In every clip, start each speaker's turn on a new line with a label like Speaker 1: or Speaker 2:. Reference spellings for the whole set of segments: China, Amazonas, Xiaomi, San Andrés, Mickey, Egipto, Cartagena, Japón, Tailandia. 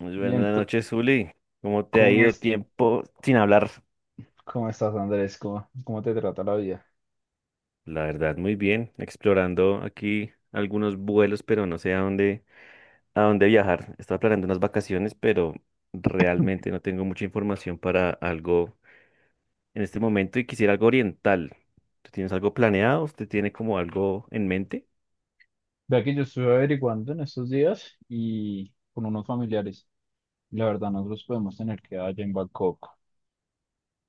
Speaker 1: Muy
Speaker 2: Y
Speaker 1: buenas
Speaker 2: ento-
Speaker 1: noches, Zuli. ¿Cómo te ha
Speaker 2: ¿cómo
Speaker 1: ido
Speaker 2: es,
Speaker 1: tiempo sin hablar?
Speaker 2: cómo estás, Andrés? ¿Cómo te trata la vida?
Speaker 1: La verdad, muy bien. Explorando aquí algunos vuelos, pero no sé a dónde viajar. Estaba planeando unas vacaciones, pero realmente no tengo mucha información para algo en este momento y quisiera algo oriental. ¿Tú tienes algo planeado? ¿Usted tiene como algo en mente?
Speaker 2: Vea que yo estuve averiguando en estos días y con unos familiares. La verdad,
Speaker 1: Ujú.
Speaker 2: nosotros podemos tener que allá en Bangkok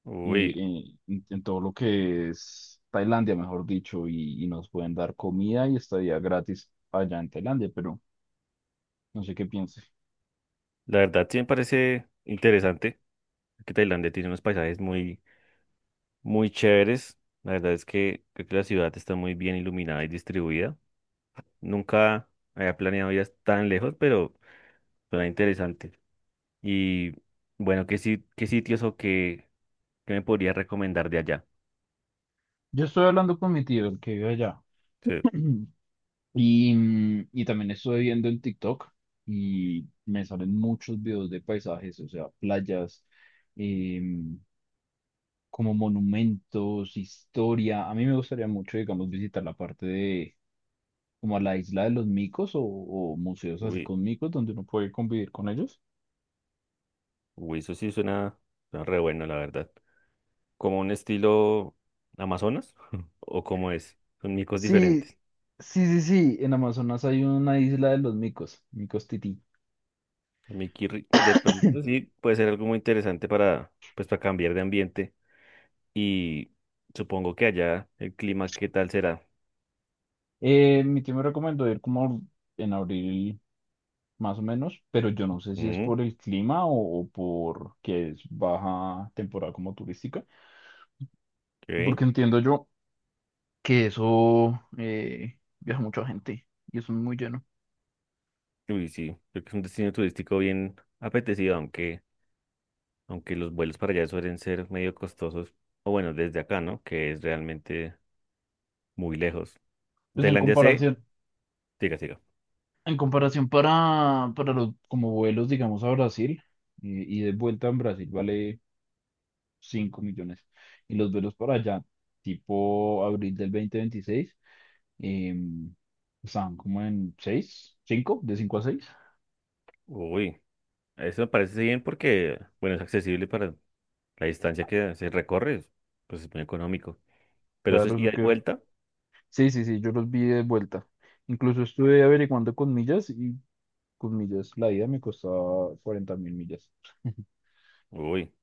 Speaker 1: Uy,
Speaker 2: en todo lo que es Tailandia, mejor dicho, y nos pueden dar comida y estadía gratis allá en Tailandia, pero no sé qué piense.
Speaker 1: la verdad sí me parece interesante que Tailandia tiene unos paisajes muy chéveres. La verdad es que creo que la ciudad está muy bien iluminada y distribuida. Nunca había planeado ir tan lejos, pero suena interesante. Y bueno, ¿qué, qué sitios o qué, qué me podrías recomendar de allá?
Speaker 2: Yo estoy hablando con mi tío, el que vive allá.
Speaker 1: Sí,
Speaker 2: Y también estuve viendo en TikTok y me salen muchos videos de paisajes, o sea, playas, em, como monumentos, historia. A mí me gustaría mucho, digamos, visitar la parte de como la isla de los micos o museos así
Speaker 1: uy,
Speaker 2: con micos donde uno puede convivir con ellos.
Speaker 1: uy, eso sí suena, suena re bueno, la verdad. ¿Como un estilo Amazonas? ¿O cómo es? Son micos
Speaker 2: Sí,
Speaker 1: diferentes.
Speaker 2: sí, sí, sí. En Amazonas hay una isla de los micos, micos tití.
Speaker 1: De pronto sí puede ser algo muy interesante para, pues, para cambiar de ambiente. Y supongo que allá el clima, ¿qué tal será?
Speaker 2: Mi tío me recomendó ir como en abril más o menos, pero yo no sé si es
Speaker 1: Mm,
Speaker 2: por el clima o por que es baja temporada como turística,
Speaker 1: ok.
Speaker 2: porque entiendo yo que eso viaja mucha gente y eso es muy lleno.
Speaker 1: Uy, sí, creo que es un destino turístico bien apetecido, aunque, aunque los vuelos para allá suelen ser medio costosos. O bueno, desde acá, ¿no? Que es realmente muy lejos.
Speaker 2: Pues en
Speaker 1: Tailandia sé,
Speaker 2: comparación,
Speaker 1: siga, siga.
Speaker 2: en comparación para los como vuelos, digamos, a Brasil y de vuelta en Brasil vale 5 millones y los vuelos para allá, tipo abril del 2026, eh, están como en 6 5 de 5 a seis.
Speaker 1: Uy, eso me parece bien porque, bueno, es accesible para la distancia que se recorre, pues es muy económico. Pero eso
Speaker 2: Claro,
Speaker 1: es
Speaker 2: eso
Speaker 1: ida y
Speaker 2: que.
Speaker 1: vuelta.
Speaker 2: Sí, sí, sí, yo los vi de vuelta. Incluso estuve averiguando con millas y con millas. La ida me costaba 40.000 millas.
Speaker 1: Uy,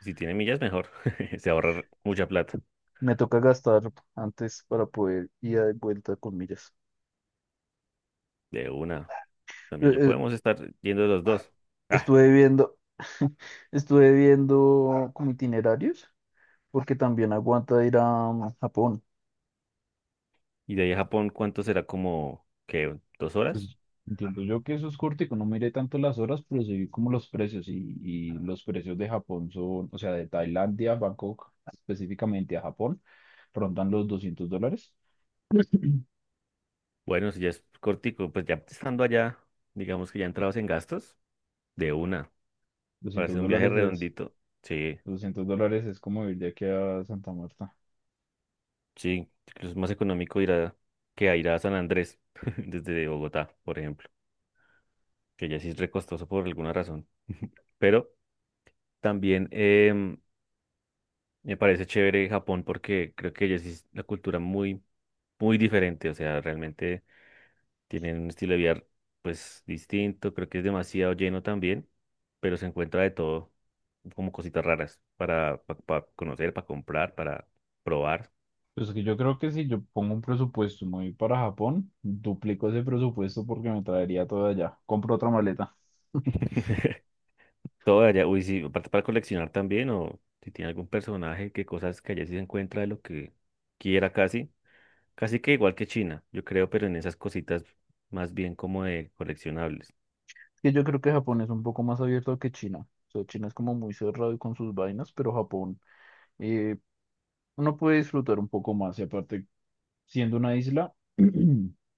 Speaker 1: si tiene millas, mejor. Se ahorra mucha plata.
Speaker 2: Me toca gastar antes para poder ir de vuelta con millas.
Speaker 1: De una.
Speaker 2: Eh,
Speaker 1: También yo
Speaker 2: eh,
Speaker 1: podemos estar yendo los dos. Ah,
Speaker 2: Estuve viendo, estuve viendo como itinerarios, porque también aguanta ir a Japón.
Speaker 1: y de ahí a Japón, ¿cuánto será? Como que dos horas.
Speaker 2: Pues entiendo yo que eso es corto y que no miré tanto las horas, pero sí vi como los precios y los precios de Japón son, o sea, de Tailandia, Bangkok específicamente a Japón, rondan los 200 dólares.
Speaker 1: Bueno, si ya es cortico, pues ya estando allá, digamos que ya entrados en gastos, de una, para
Speaker 2: doscientos
Speaker 1: hacer un viaje
Speaker 2: dólares es,
Speaker 1: redondito. Sí,
Speaker 2: 200 dólares es como ir de aquí a Santa Marta.
Speaker 1: sí, incluso es más económico ir a que a ir a San Andrés desde Bogotá, por ejemplo, que ya sí es recostoso por alguna razón. Pero también me parece chévere Japón porque creo que ya sí es una cultura muy, muy diferente. O sea, realmente. Tienen un estilo de vida pues distinto, creo que es demasiado lleno también, pero se encuentra de todo, como cositas raras para, pa conocer, para comprar, para probar.
Speaker 2: Pues que yo creo que si yo pongo un presupuesto y me voy para Japón, duplico ese presupuesto porque me traería todo allá. Compro otra maleta.
Speaker 1: Todo de allá, uy, sí, aparte para coleccionar también, o si tiene algún personaje, que cosas que allá sí se encuentra de lo que quiera casi, casi que igual que China, yo creo, pero en esas cositas más bien como de coleccionables.
Speaker 2: Que yo creo que Japón es un poco más abierto que China. O sea, China es como muy cerrado y con sus vainas, pero Japón eh, uno puede disfrutar un poco más y aparte, siendo una isla,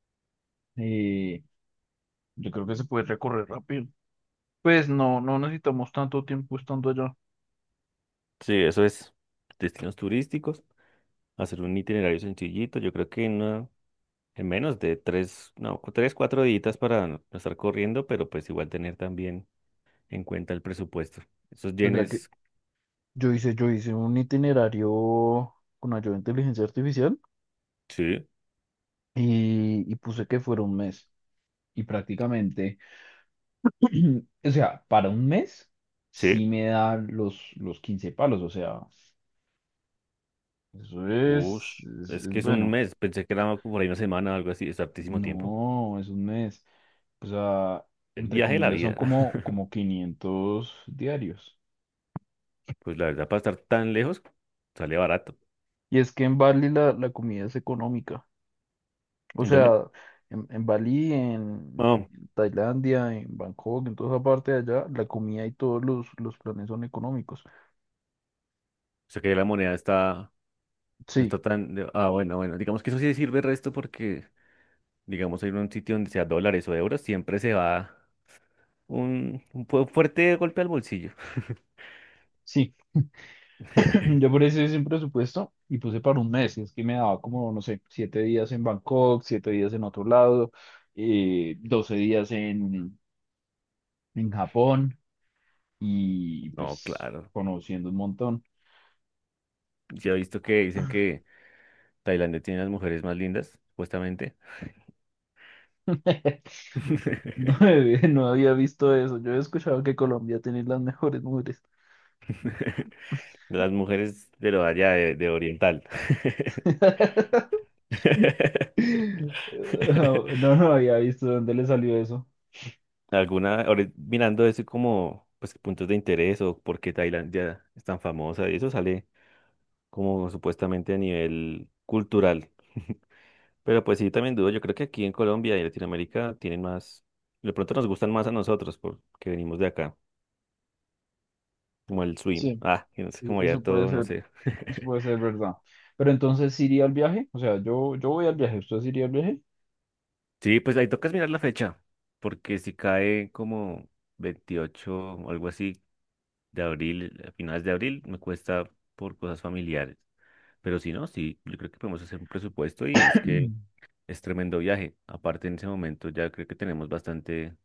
Speaker 2: eh, yo creo que se puede recorrer rápido. Pues no, no necesitamos tanto tiempo estando allá.
Speaker 1: Sí, eso es destinos turísticos, hacer un itinerario sencillito, yo creo que no. En menos de tres, no, tres, cuatro días para no estar corriendo, pero pues igual tener también en cuenta el presupuesto. Esos
Speaker 2: Es verdad que
Speaker 1: yenes,
Speaker 2: yo hice un itinerario con ayuda de inteligencia artificial
Speaker 1: sí,
Speaker 2: y puse que fuera un mes. Y prácticamente, o sea, para un mes
Speaker 1: sí,
Speaker 2: sí me da los 15 palos, o sea, eso es,
Speaker 1: ush,
Speaker 2: es,
Speaker 1: es que
Speaker 2: es
Speaker 1: es un
Speaker 2: bueno.
Speaker 1: mes, pensé que era como por ahí una semana o algo así, es hartísimo tiempo.
Speaker 2: No, es un mes. O sea,
Speaker 1: El
Speaker 2: entre
Speaker 1: viaje de la
Speaker 2: comillas, son
Speaker 1: vida.
Speaker 2: como, como 500 diarios.
Speaker 1: Pues la verdad, para estar tan lejos, sale barato.
Speaker 2: Y es que en Bali la comida es económica. O
Speaker 1: ¿En dónde?
Speaker 2: sea, en Bali, en
Speaker 1: No, o
Speaker 2: Tailandia, en Bangkok, en toda esa parte de allá, la comida y todos los planes son económicos.
Speaker 1: sea que la moneda está, no
Speaker 2: Sí,
Speaker 1: está tan, de- ah, bueno, bueno, digamos que eso sí sirve el resto porque, digamos, ir a un sitio donde sea dólares o euros, siempre se va. Un fuerte golpe al bolsillo.
Speaker 2: sí. Yo por eso hice un presupuesto y puse para un mes. Y es que me daba como, no sé, 7 días en Bangkok, 7 días en otro lado, 12 días en Japón y
Speaker 1: No,
Speaker 2: pues
Speaker 1: claro.
Speaker 2: conociendo un montón.
Speaker 1: Ya he visto que dicen que Tailandia tiene las mujeres más lindas, supuestamente.
Speaker 2: No, no había visto eso. Yo he escuchado que Colombia tiene las mejores mujeres.
Speaker 1: Las mujeres de allá de oriental.
Speaker 2: No, no había visto dónde le salió eso.
Speaker 1: Alguna, ahora mirando eso como pues puntos de interés o por qué Tailandia es tan famosa y eso sale como supuestamente a nivel cultural. Pero pues sí, también dudo, yo creo que aquí en Colombia y Latinoamérica tienen más, de pronto nos gustan más a nosotros porque venimos de acá. Como el swim.
Speaker 2: Sí,
Speaker 1: Ah, y no sé, como ya
Speaker 2: eso puede
Speaker 1: todo, no
Speaker 2: ser,
Speaker 1: sé.
Speaker 2: eso puede ser verdad. Pero entonces, ¿sí iría al viaje? O sea, yo voy al viaje. ¿Usted sí iría al viaje?
Speaker 1: Sí, pues ahí tocas mirar la fecha, porque si cae como 28 o algo así de abril, a finales de abril, me cuesta por cosas familiares. Pero si no, sí, yo creo que podemos hacer un presupuesto y es que es tremendo viaje. Aparte, en ese momento ya creo que tenemos bastante,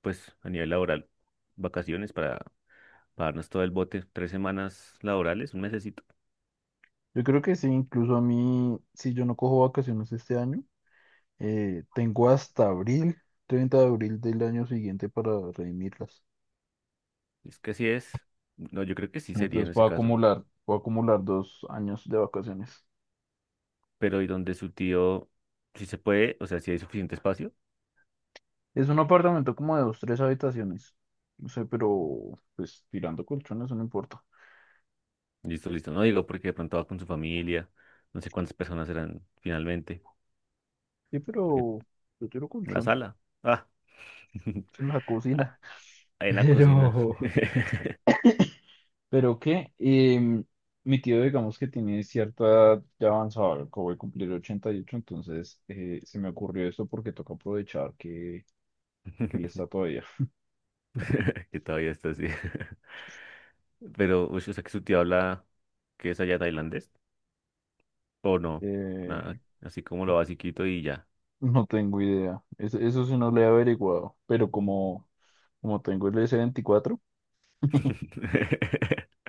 Speaker 1: pues a nivel laboral, vacaciones para pagarnos todo el bote, tres semanas laborales, un mesecito.
Speaker 2: Yo creo que sí, incluso a mí, si yo no cojo vacaciones este año, tengo hasta abril, 30 de abril del año siguiente para redimirlas.
Speaker 1: Es que así es. No, yo creo que sí sería en
Speaker 2: Entonces
Speaker 1: ese
Speaker 2: puedo
Speaker 1: caso.
Speaker 2: acumular, puedo acumular 2 años de vacaciones.
Speaker 1: Pero y donde su tío, si se puede, o sea, si hay suficiente espacio,
Speaker 2: Es un apartamento como de dos, tres habitaciones. No sé, pero pues tirando colchones no importa.
Speaker 1: listo, listo. No digo porque de pronto va con su familia, no sé cuántas personas eran finalmente,
Speaker 2: Sí,
Speaker 1: porque
Speaker 2: pero yo tiro
Speaker 1: la
Speaker 2: colchón
Speaker 1: sala, ah,
Speaker 2: es en la
Speaker 1: ah,
Speaker 2: cocina.
Speaker 1: en la cocina,
Speaker 2: Pero, pero qué, mi tío digamos que tiene cierta edad ya avanzada, acabo voy a cumplir 88 entonces se me ocurrió esto porque toca aprovechar que él está todavía.
Speaker 1: que todavía está así. Pero, uy, o sea, que su tío habla que es allá tailandés, o no, nada,
Speaker 2: Eh,
Speaker 1: así como lo basiquito y ya.
Speaker 2: No tengo idea. Eso, sí no lo he averiguado. Pero como tengo el S24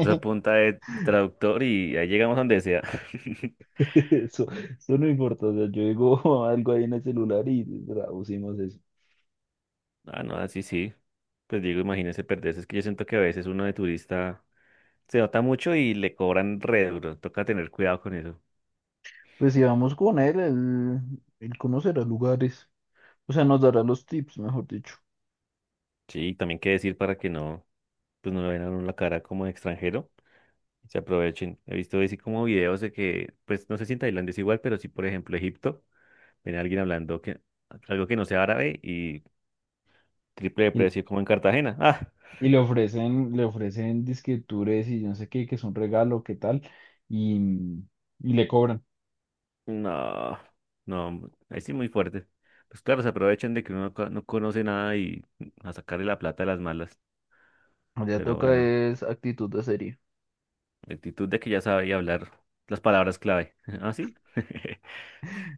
Speaker 1: O sea punta de traductor y ahí llegamos a donde sea.
Speaker 2: eso, eso no importa. O sea, yo digo algo ahí en el celular y traducimos eso.
Speaker 1: Ah, no, así sí. Pues digo, imagínese perderse. Es que yo siento que a veces uno de turista se nota mucho y le cobran re duro. Toca tener cuidado con eso.
Speaker 2: Pues si vamos con él, él conocerá lugares. O sea, nos dará los tips, mejor dicho.
Speaker 1: Sí, y también qué decir para que no, pues no le vean a uno la cara como de extranjero. Se aprovechen. He visto así como videos de que, pues no sé si en Tailandia es igual, pero sí, por ejemplo, Egipto, ven a alguien hablando que algo que no sea árabe y triple de
Speaker 2: Y,
Speaker 1: precio como en Cartagena. Ah,
Speaker 2: y le ofrecen, disque tours y yo no sé qué, que es un regalo, qué tal. Y, y le cobran.
Speaker 1: no, no, ahí sí muy fuerte. Pues claro, se aprovechan de que uno no conoce nada y a sacarle la plata a las malas.
Speaker 2: Ya
Speaker 1: Pero
Speaker 2: toca
Speaker 1: bueno,
Speaker 2: es actitud de serie.
Speaker 1: la actitud de que ya sabía hablar las palabras clave. ¿Ah, sí?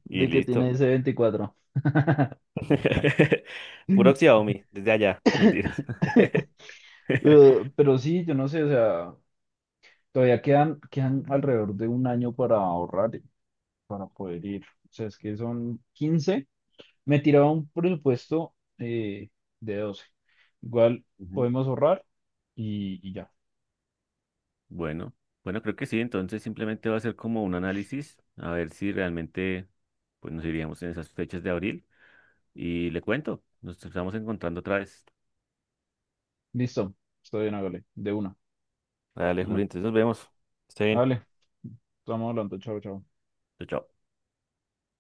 Speaker 1: Y
Speaker 2: ¿De que tiene
Speaker 1: listo.
Speaker 2: S24?
Speaker 1: Puro Xiaomi, desde allá. Mentiras.
Speaker 2: Eh, pero sí, yo no sé, o sea, todavía quedan alrededor de un año para ahorrar, para poder ir. O sea, es que son quince. Me tiraba un presupuesto de doce. Igual
Speaker 1: Ujú.
Speaker 2: podemos ahorrar y ya.
Speaker 1: Bueno, bueno, creo que sí. Entonces simplemente va a ser como un análisis a ver si realmente pues nos iríamos en esas fechas de abril. Y le cuento, nos estamos encontrando otra vez.
Speaker 2: Listo. Estoy bien, hágale. De una.
Speaker 1: Dale, Juli,
Speaker 2: Bueno,
Speaker 1: entonces nos vemos. Esté bien.
Speaker 2: hágale. Estamos hablando. Chao, chao.
Speaker 1: Chao, chao.